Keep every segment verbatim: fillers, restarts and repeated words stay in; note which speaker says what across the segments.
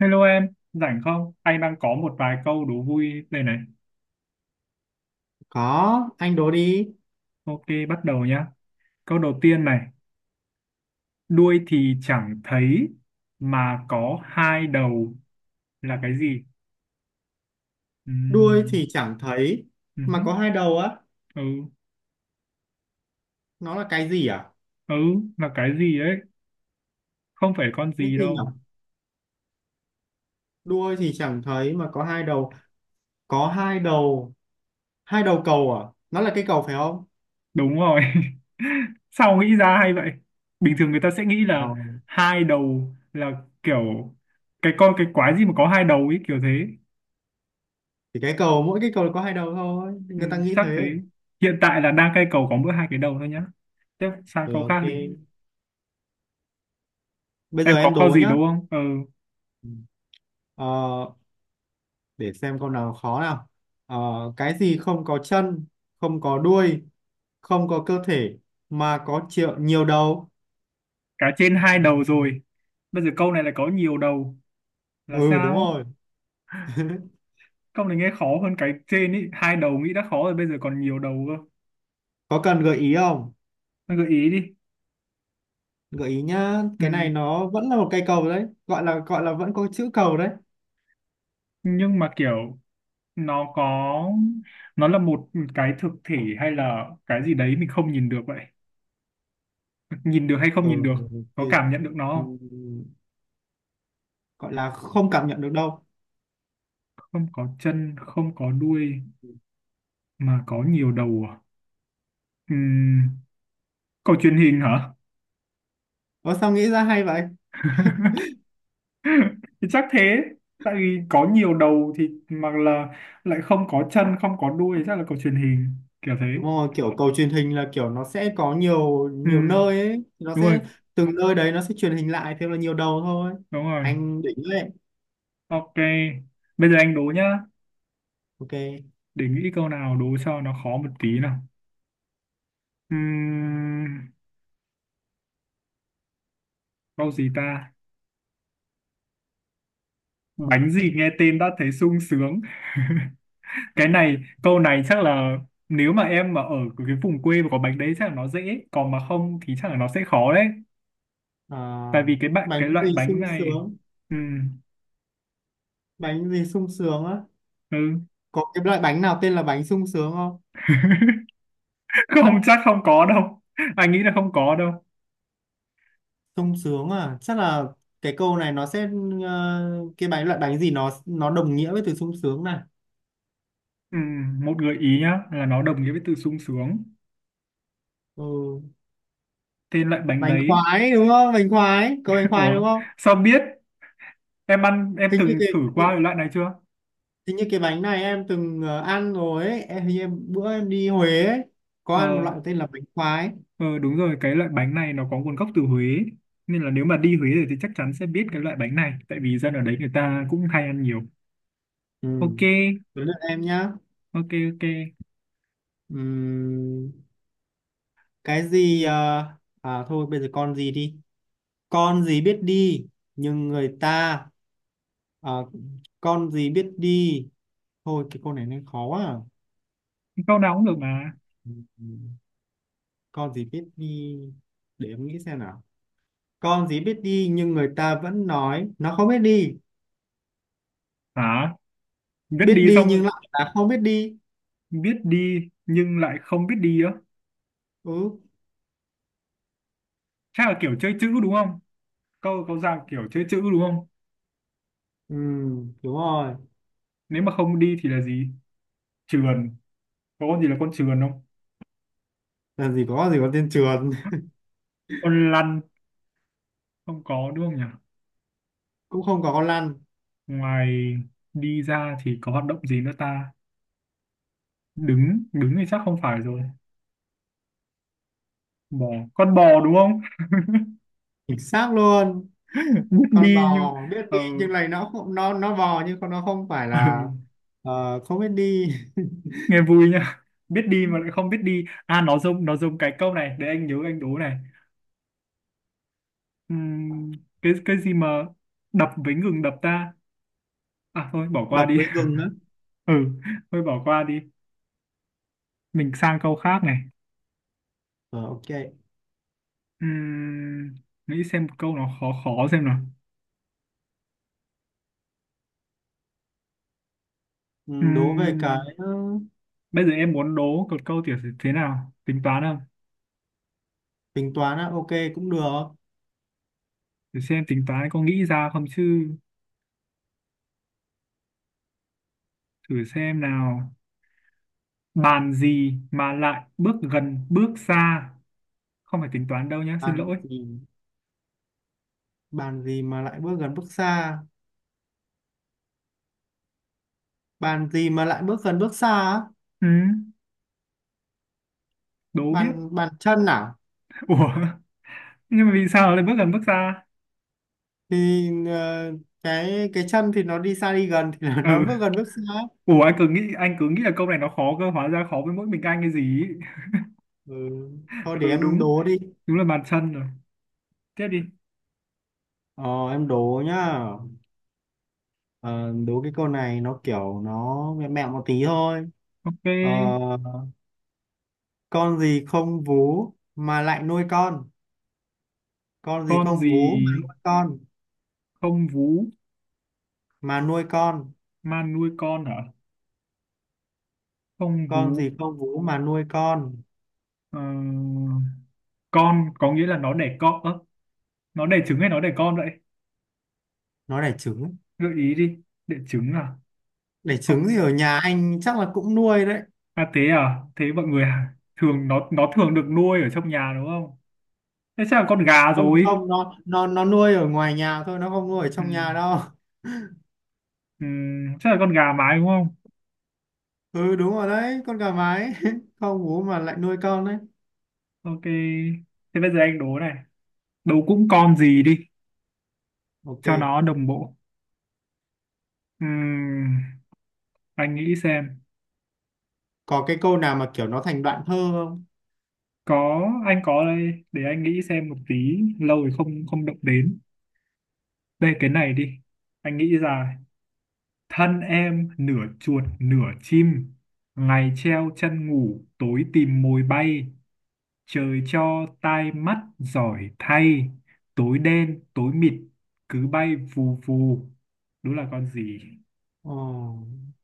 Speaker 1: Hello em, rảnh không? Anh đang có một vài câu đố vui đây này.
Speaker 2: Có, anh đố đi.
Speaker 1: Ok, bắt đầu nhá. Câu đầu tiên này, đuôi thì chẳng thấy mà có hai đầu là cái gì?
Speaker 2: Đuôi
Speaker 1: Ừm,
Speaker 2: thì chẳng thấy
Speaker 1: ừ,
Speaker 2: mà có hai đầu á.
Speaker 1: ừ,
Speaker 2: Nó là cái gì à?
Speaker 1: ừ, là cái gì đấy? Không phải con
Speaker 2: Cái
Speaker 1: gì
Speaker 2: gì
Speaker 1: đâu.
Speaker 2: nhỉ? Đuôi thì chẳng thấy mà có hai đầu. Có hai đầu. Hai đầu cầu à? Nó là cái cầu phải không?
Speaker 1: Đúng rồi. Sao nghĩ ra hay vậy? Bình thường người ta sẽ nghĩ
Speaker 2: Ờ.
Speaker 1: là hai đầu là kiểu cái con cái quái gì mà có hai đầu ấy kiểu thế.
Speaker 2: Thì cái cầu, mỗi cái cầu có hai đầu thôi.
Speaker 1: Ừ,
Speaker 2: Người ta nghĩ
Speaker 1: chắc thế.
Speaker 2: thế.
Speaker 1: Hiện tại là đang cây cầu có mỗi hai cái đầu thôi nhá. Tiếp sang
Speaker 2: Ừ,
Speaker 1: câu
Speaker 2: ok.
Speaker 1: khác đi.
Speaker 2: Bây giờ
Speaker 1: Em
Speaker 2: em
Speaker 1: có câu
Speaker 2: đố
Speaker 1: gì
Speaker 2: nhá.
Speaker 1: đúng không? Ừ.
Speaker 2: Ừ. Ờ, để xem câu nào khó nào. Ờ, cái gì không có chân, không có đuôi, không có cơ thể mà có triệu nhiều đầu?
Speaker 1: Cá trên hai đầu rồi, bây giờ câu này lại có nhiều đầu là
Speaker 2: Ừ, đúng
Speaker 1: sao?
Speaker 2: rồi.
Speaker 1: Câu này nghe khó hơn cái trên ý, hai đầu nghĩ đã khó rồi bây giờ còn nhiều đầu cơ.
Speaker 2: Có cần gợi ý không?
Speaker 1: Anh gợi ý đi.
Speaker 2: Gợi ý nhá,
Speaker 1: Ừ.
Speaker 2: cái này nó vẫn là một cây cầu đấy, gọi là gọi là vẫn có chữ cầu đấy.
Speaker 1: Nhưng mà kiểu, nó có, nó là một cái thực thể hay là cái gì đấy mình không nhìn được vậy? Nhìn được hay không nhìn
Speaker 2: Ừ,
Speaker 1: được? Có
Speaker 2: thì
Speaker 1: cảm nhận được nó?
Speaker 2: ừm, gọi là không cảm nhận được đâu.
Speaker 1: Không, không có chân, không có đuôi mà có nhiều đầu à? Ừm, Cầu truyền hình hả?
Speaker 2: Ủa sao nghĩ ra hay vậy?
Speaker 1: Thì chắc thế. Tại vì có nhiều đầu thì mà là lại không có chân, không có đuôi chắc là cầu truyền hình kiểu thế.
Speaker 2: Đúng rồi, kiểu cầu truyền hình là kiểu nó sẽ có nhiều nhiều
Speaker 1: Ừm,
Speaker 2: nơi ấy, nó
Speaker 1: đúng
Speaker 2: sẽ
Speaker 1: rồi,
Speaker 2: từng nơi đấy nó sẽ truyền hình lại, thêm là nhiều đầu thôi.
Speaker 1: đúng rồi.
Speaker 2: Anh đỉnh đấy.
Speaker 1: Ok. Bây giờ anh đố nhá.
Speaker 2: Ok.
Speaker 1: Để nghĩ câu nào đố cho nó khó một tí nào. Ừm, câu gì ta? Bánh gì nghe tên đã thấy sung sướng. Cái này, câu này chắc là nếu mà em mà ở cái vùng quê mà có bánh đấy chắc là nó dễ, còn mà không thì chắc là nó sẽ khó đấy.
Speaker 2: Ờ,
Speaker 1: Tại vì cái bạn cái
Speaker 2: Bánh
Speaker 1: loại
Speaker 2: gì
Speaker 1: bánh
Speaker 2: sung
Speaker 1: này.
Speaker 2: sướng,
Speaker 1: Ừ,
Speaker 2: bánh gì sung sướng á?
Speaker 1: ừ.
Speaker 2: Có cái loại bánh nào tên là bánh sung sướng không?
Speaker 1: Không, chắc không có đâu. Anh nghĩ là không có đâu.
Speaker 2: Sung sướng à, chắc là cái câu này nó sẽ, ờ, cái bánh loại bánh gì nó nó đồng nghĩa với từ sung sướng này.
Speaker 1: Ừ, một gợi ý nhá là nó đồng nghĩa với từ sung sướng.
Speaker 2: Ừ.
Speaker 1: Tên loại bánh
Speaker 2: Bánh
Speaker 1: đấy.
Speaker 2: khoái đúng không? Bánh khoái, có bánh khoái
Speaker 1: Ủa,
Speaker 2: đúng không?
Speaker 1: sao biết? Em ăn Em
Speaker 2: hình như
Speaker 1: từng
Speaker 2: cái
Speaker 1: thử qua cái
Speaker 2: hình,
Speaker 1: loại này chưa?
Speaker 2: Hình như cái bánh này em từng ờ, ăn rồi ấy em, hình như em bữa em đi Huế ấy, có
Speaker 1: Ờ,
Speaker 2: ăn một loại tên là bánh khoái.
Speaker 1: ờ, đúng rồi. Cái loại bánh này nó có nguồn gốc từ Huế, nên là nếu mà đi Huế rồi thì chắc chắn sẽ biết cái loại bánh này, tại vì dân ở đấy người ta cũng hay ăn nhiều.
Speaker 2: Ừ.
Speaker 1: Ok.
Speaker 2: Đến lượt em nhá.
Speaker 1: Ok. Ok.
Speaker 2: Ừm, cái gì ờ, à thôi bây giờ con gì đi. Con gì biết đi nhưng người ta, ờ, con gì biết đi. Thôi cái câu này nên khó à.
Speaker 1: Câu nào cũng được mà.
Speaker 2: Ừ, ừ. Con gì biết đi. Để em nghĩ xem nào. Con gì biết đi nhưng người ta vẫn nói nó không biết đi.
Speaker 1: Hả? Biết
Speaker 2: Biết
Speaker 1: đi
Speaker 2: đi
Speaker 1: xong?
Speaker 2: nhưng lại là không biết đi.
Speaker 1: Biết đi nhưng lại không biết đi á?
Speaker 2: Ừ.
Speaker 1: Chắc là kiểu chơi chữ đúng không? Câu có dạng kiểu chơi chữ đúng không?
Speaker 2: Ừ, đúng rồi.
Speaker 1: Nếu mà không đi thì là gì? Trườn? Có con gì là con trườn không?
Speaker 2: Làm gì có con gì có tên trườn.
Speaker 1: Con lăn? Không có đúng không nhỉ?
Speaker 2: Cũng không có con lăn.
Speaker 1: Ngoài đi ra thì có hoạt động gì nữa ta? Đứng, đứng thì chắc không phải rồi. Bò? Con bò đúng không?
Speaker 2: Chính xác luôn.
Speaker 1: Biết
Speaker 2: Con
Speaker 1: đi nhưng.
Speaker 2: bò biết
Speaker 1: Ờ.
Speaker 2: đi nhưng này nó không nó nó bò, nhưng con nó không phải
Speaker 1: Ừ.
Speaker 2: là, ờ, không biết đi.
Speaker 1: Nghe vui nhá. Biết đi mà lại không biết đi à. Nó dùng nó dùng cái câu này để anh nhớ, anh đố này. Ừm, cái cái gì mà đập với ngừng đập ta? À thôi bỏ qua
Speaker 2: Đập
Speaker 1: đi.
Speaker 2: với gừng á.
Speaker 1: Ừ, thôi bỏ qua đi. Mình sang câu khác này.
Speaker 2: Ờ, ok.
Speaker 1: Ừm, nghĩ xem một câu nó khó khó xem nào.
Speaker 2: Ừ, đố về cái,
Speaker 1: Ừm,
Speaker 2: ờ,
Speaker 1: bây giờ em muốn đố một câu tiểu sử thế nào? Tính toán không?
Speaker 2: tính toán á, ok cũng được.
Speaker 1: Thử xem tính toán có nghĩ ra không chứ. Thử xem nào. Bàn gì mà lại bước gần bước xa? Không phải tính toán đâu nhá, xin
Speaker 2: Làm
Speaker 1: lỗi.
Speaker 2: gì, bàn gì mà lại bước gần bước xa, bàn gì mà lại bước gần bước xa á?
Speaker 1: Ừm, đố biết.
Speaker 2: Bàn bàn chân à?
Speaker 1: Ủa, nhưng mà vì sao lại bước gần bước xa?
Speaker 2: Thì ờ, cái cái chân thì nó đi xa đi gần thì là
Speaker 1: Ừ.
Speaker 2: nó bước gần bước xa.
Speaker 1: Ủa, anh cứ nghĩ anh cứ nghĩ là câu này nó khó cơ, hóa ra khó với mỗi mình anh. Cái gì ý.
Speaker 2: Ừ. Thôi để
Speaker 1: Ừ,
Speaker 2: em
Speaker 1: đúng.
Speaker 2: đố đi.
Speaker 1: Đúng là bàn chân rồi. Tiếp đi.
Speaker 2: ờ, em đố nhá. ờ, Đố cái câu này nó kiểu nó mẹo mẹo một tí thôi. ờ,
Speaker 1: Ok.
Speaker 2: con gì không vú mà lại nuôi con? Con gì
Speaker 1: Con
Speaker 2: không vú mà
Speaker 1: gì
Speaker 2: nuôi con,
Speaker 1: không vú
Speaker 2: mà nuôi con
Speaker 1: mà nuôi con? Hả? Không
Speaker 2: con
Speaker 1: vú?
Speaker 2: gì không vú mà nuôi con?
Speaker 1: Ờ, con có nghĩa là nó đẻ con. Ơ, nó đẻ trứng hay nó đẻ con vậy?
Speaker 2: Nó đẻ trứng.
Speaker 1: Gợi ý đi. Đẻ trứng à?
Speaker 2: Đẻ trứng thì
Speaker 1: Không.
Speaker 2: ở nhà anh chắc là cũng nuôi đấy.
Speaker 1: À thế à thế mọi người à? Thường nó nó thường được nuôi ở trong nhà đúng không? Thế chắc là con gà
Speaker 2: Không
Speaker 1: rồi.
Speaker 2: không, nó nó nó nuôi ở ngoài nhà thôi, nó không nuôi ở
Speaker 1: Ừ,
Speaker 2: trong nhà đâu.
Speaker 1: ừ, chắc là con gà mái đúng không?
Speaker 2: Ừ đúng rồi đấy, con gà mái. Không bố mà lại nuôi con đấy.
Speaker 1: Ok. Thế bây giờ anh đố này. Đố cũng con gì đi.
Speaker 2: Ok.
Speaker 1: Cho nó đồng bộ. Ừm, anh nghĩ xem.
Speaker 2: Có cái câu nào mà kiểu nó thành đoạn thơ không?
Speaker 1: Có anh có đây, để anh nghĩ xem một tí, lâu rồi không không động đến. Đây, cái này đi. Anh nghĩ ra. Thân em nửa chuột nửa chim, ngày treo chân ngủ, tối tìm mồi bay, trời cho tai mắt giỏi thay, tối đen tối mịt cứ bay vù vù. Đúng là con gì?
Speaker 2: ờ,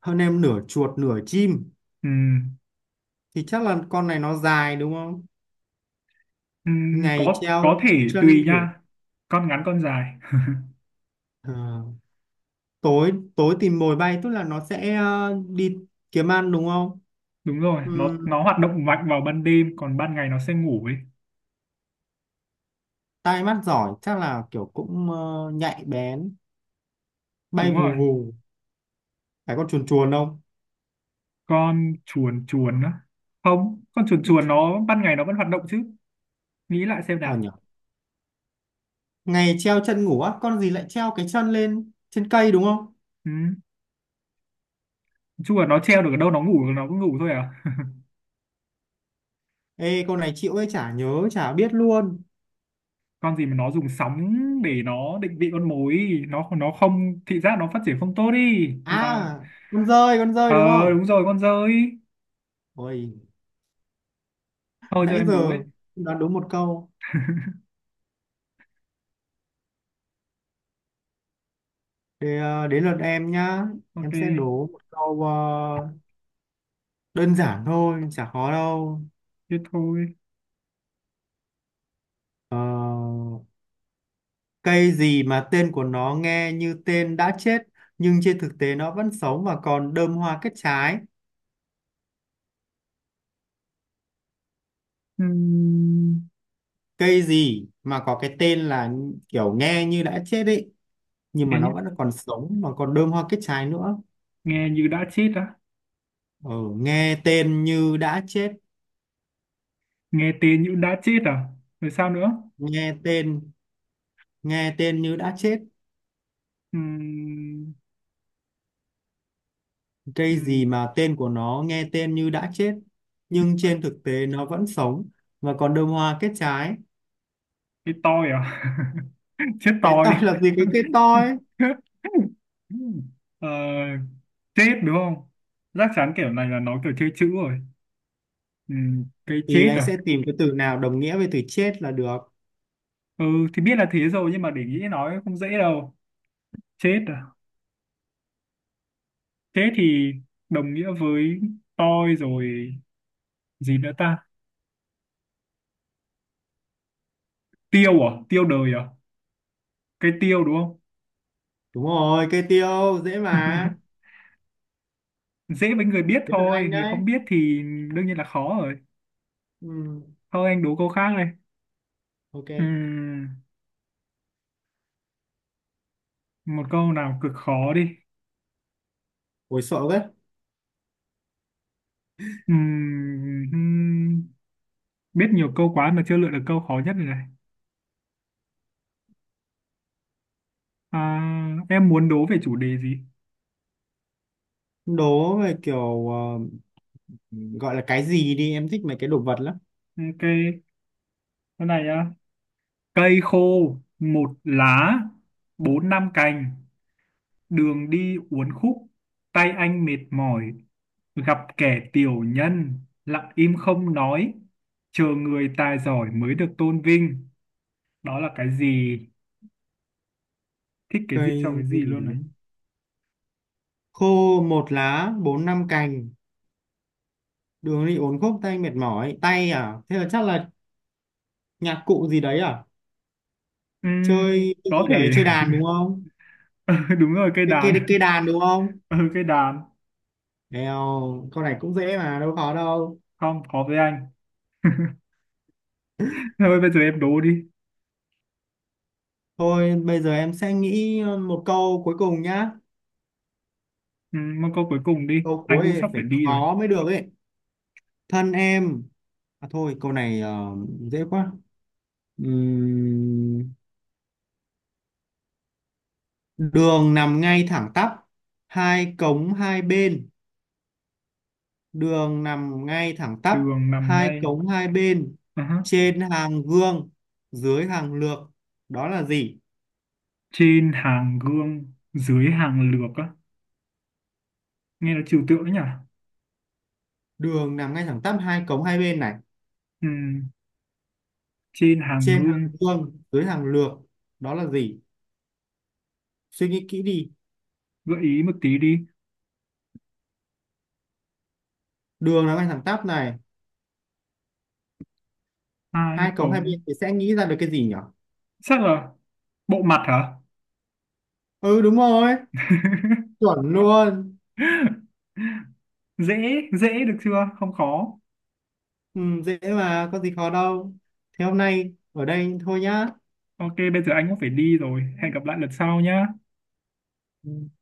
Speaker 2: Hơn em nửa chuột nửa chim
Speaker 1: Ừm,
Speaker 2: thì chắc là con này nó dài đúng không?
Speaker 1: ừm,
Speaker 2: Ngày
Speaker 1: có có
Speaker 2: treo
Speaker 1: thể
Speaker 2: chân
Speaker 1: tùy
Speaker 2: ngủ.
Speaker 1: nha. Con ngắn con dài.
Speaker 2: Ờ, tối tối tìm mồi bay tức là nó sẽ, ờ, đi kiếm ăn đúng không?
Speaker 1: Đúng rồi, nó nó hoạt động mạnh vào ban đêm, còn ban ngày nó sẽ ngủ ấy.
Speaker 2: Tai mắt giỏi chắc là kiểu cũng, ờ, nhạy bén. Bay
Speaker 1: Đúng
Speaker 2: vù
Speaker 1: rồi.
Speaker 2: vù. Phải con chuồn chuồn không?
Speaker 1: Con chuồn chuồn á? Không, con chuồn chuồn nó ban ngày nó vẫn hoạt động chứ. Nghĩ lại xem
Speaker 2: Ờ
Speaker 1: nào.
Speaker 2: nhỉ. Ngày treo chân ngủ á, con gì lại treo cái chân lên trên cây đúng không?
Speaker 1: Ừ. Chuồn nó treo được ở đâu, nó ngủ nó cứ ngủ thôi à?
Speaker 2: Ê con này chịu ấy, chả nhớ chả biết luôn.
Speaker 1: Con gì mà nó dùng sóng để nó định vị con mồi ý. nó nó không thị giác nó phát triển không tốt đi mà.
Speaker 2: À, con dơi, con dơi
Speaker 1: Ờ.
Speaker 2: đúng không?
Speaker 1: Đúng rồi, con dơi.
Speaker 2: Ôi,
Speaker 1: Thôi cho
Speaker 2: nãy
Speaker 1: em đố ấy.
Speaker 2: giờ đoán đúng một câu thì, ờ, đến lượt em nhá.
Speaker 1: Ok.
Speaker 2: Em sẽ đố một câu, ờ, đơn giản thôi, chả khó đâu.
Speaker 1: Thế thôi.
Speaker 2: Ờ, cây gì mà tên của nó nghe như tên đã chết nhưng trên thực tế nó vẫn sống và còn đơm hoa kết trái.
Speaker 1: Ừm,
Speaker 2: Cây gì mà có cái tên là kiểu nghe như đã chết ấy nhưng mà
Speaker 1: nghe như,
Speaker 2: nó vẫn còn sống mà còn đơm hoa kết trái nữa.
Speaker 1: nghe như đã chết á?
Speaker 2: Ừ, nghe tên như đã chết,
Speaker 1: Nghe tên như đã chết à? Rồi sao nữa?
Speaker 2: nghe tên, nghe tên như đã chết.
Speaker 1: Ừm,
Speaker 2: Cây gì
Speaker 1: ừm,
Speaker 2: mà tên của nó nghe tên như đã chết nhưng trên thực tế nó vẫn sống và còn đơm hoa kết trái.
Speaker 1: cái tôi à? Chết
Speaker 2: Cái toi
Speaker 1: tôi.
Speaker 2: là gì, cái cây toi?
Speaker 1: Ờ, chết đúng không? Chắc chắn kiểu này là nó kiểu chơi chữ rồi. Ừm, cái
Speaker 2: Thì
Speaker 1: chết
Speaker 2: anh
Speaker 1: à?
Speaker 2: sẽ tìm cái từ nào đồng nghĩa với từ chết là được.
Speaker 1: Ừ, thì biết là thế rồi nhưng mà để nghĩ nói không dễ đâu. Chết à? Chết thì đồng nghĩa với tôi rồi. Gì nữa ta? Tiêu à? Tiêu đời à? Cái tiêu đúng không?
Speaker 2: Đúng rồi, cây tiêu dễ mà.
Speaker 1: Dễ với người biết
Speaker 2: Dễ lượt
Speaker 1: thôi,
Speaker 2: anh
Speaker 1: người
Speaker 2: đấy.
Speaker 1: không biết thì đương nhiên là khó rồi.
Speaker 2: Ừ,
Speaker 1: Thôi anh đố câu khác đây.
Speaker 2: ok.
Speaker 1: Ừm, một câu nào cực khó đi.
Speaker 2: Ôi sợ đấy.
Speaker 1: Ừm, hmm, biết nhiều câu quá mà chưa lựa được câu khó nhất rồi này. À, em muốn đố về chủ đề gì?
Speaker 2: Đố về kiểu, ờ, gọi là cái gì đi, em thích mấy cái đồ vật lắm.
Speaker 1: Ok. Cái này á. Cây khô một lá, bốn năm cành, đường đi uốn khúc, tay anh mệt mỏi, gặp kẻ tiểu nhân, lặng im không nói, chờ người tài giỏi mới được tôn vinh. Đó là cái gì? Thích cái gì cho
Speaker 2: Cây
Speaker 1: cái gì
Speaker 2: gì
Speaker 1: luôn này.
Speaker 2: khô một lá bốn năm cành, đường đi uốn khúc tay mệt mỏi tay à, thế là chắc là nhạc cụ gì đấy à?
Speaker 1: Ừm,
Speaker 2: Chơi cái
Speaker 1: có
Speaker 2: gì
Speaker 1: thể.
Speaker 2: đấy, chơi đàn đúng không?
Speaker 1: Ừ, đúng rồi, cây
Speaker 2: cái
Speaker 1: đàn.
Speaker 2: cây cây đàn đúng không?
Speaker 1: Ừ, cây đàn.
Speaker 2: Đèo, câu này cũng dễ mà đâu khó đâu.
Speaker 1: Không khó với anh. Thôi bây giờ em đố đi.
Speaker 2: Thôi bây giờ em sẽ nghĩ một câu cuối cùng nhá.
Speaker 1: Ừ, một câu cuối cùng đi,
Speaker 2: Câu
Speaker 1: anh
Speaker 2: cuối
Speaker 1: cũng
Speaker 2: thì
Speaker 1: sắp
Speaker 2: phải
Speaker 1: phải đi rồi.
Speaker 2: khó mới được ấy. Thân em. À thôi câu này, ờ, dễ quá. Ừm, Đường nằm ngay thẳng tắp. Hai cống hai bên. Đường nằm ngay thẳng tắp.
Speaker 1: Đường nằm
Speaker 2: Hai
Speaker 1: ngay.
Speaker 2: cống hai bên.
Speaker 1: Ờ hả.
Speaker 2: Trên hàng gương. Dưới hàng lược. Đó là gì?
Speaker 1: Trên hàng gương, dưới hàng lược á? Nghe nó trừu tượng đấy nhỉ.
Speaker 2: Đường nằm ngay thẳng tắp. Hai cống hai bên này.
Speaker 1: Ừ. Trên hàng
Speaker 2: Trên hàng
Speaker 1: gương.
Speaker 2: gương. Dưới hàng lược. Đó là gì? Suy nghĩ kỹ đi.
Speaker 1: Gợi ý một tí đi.
Speaker 2: Đường nó ngay thẳng tắp này,
Speaker 1: Hai
Speaker 2: hai cống hai
Speaker 1: cống.
Speaker 2: bên thì sẽ nghĩ ra được cái gì nhỉ?
Speaker 1: Chắc là bộ mặt hả?
Speaker 2: Ừ đúng rồi, chuẩn luôn.
Speaker 1: Dễ, dễ được chưa, không khó.
Speaker 2: Ừ, dễ mà có gì khó đâu. Thế hôm nay ở đây thôi nhá.
Speaker 1: Ok, bây giờ anh cũng phải đi rồi, hẹn gặp lại lần sau nhá.
Speaker 2: Ừ.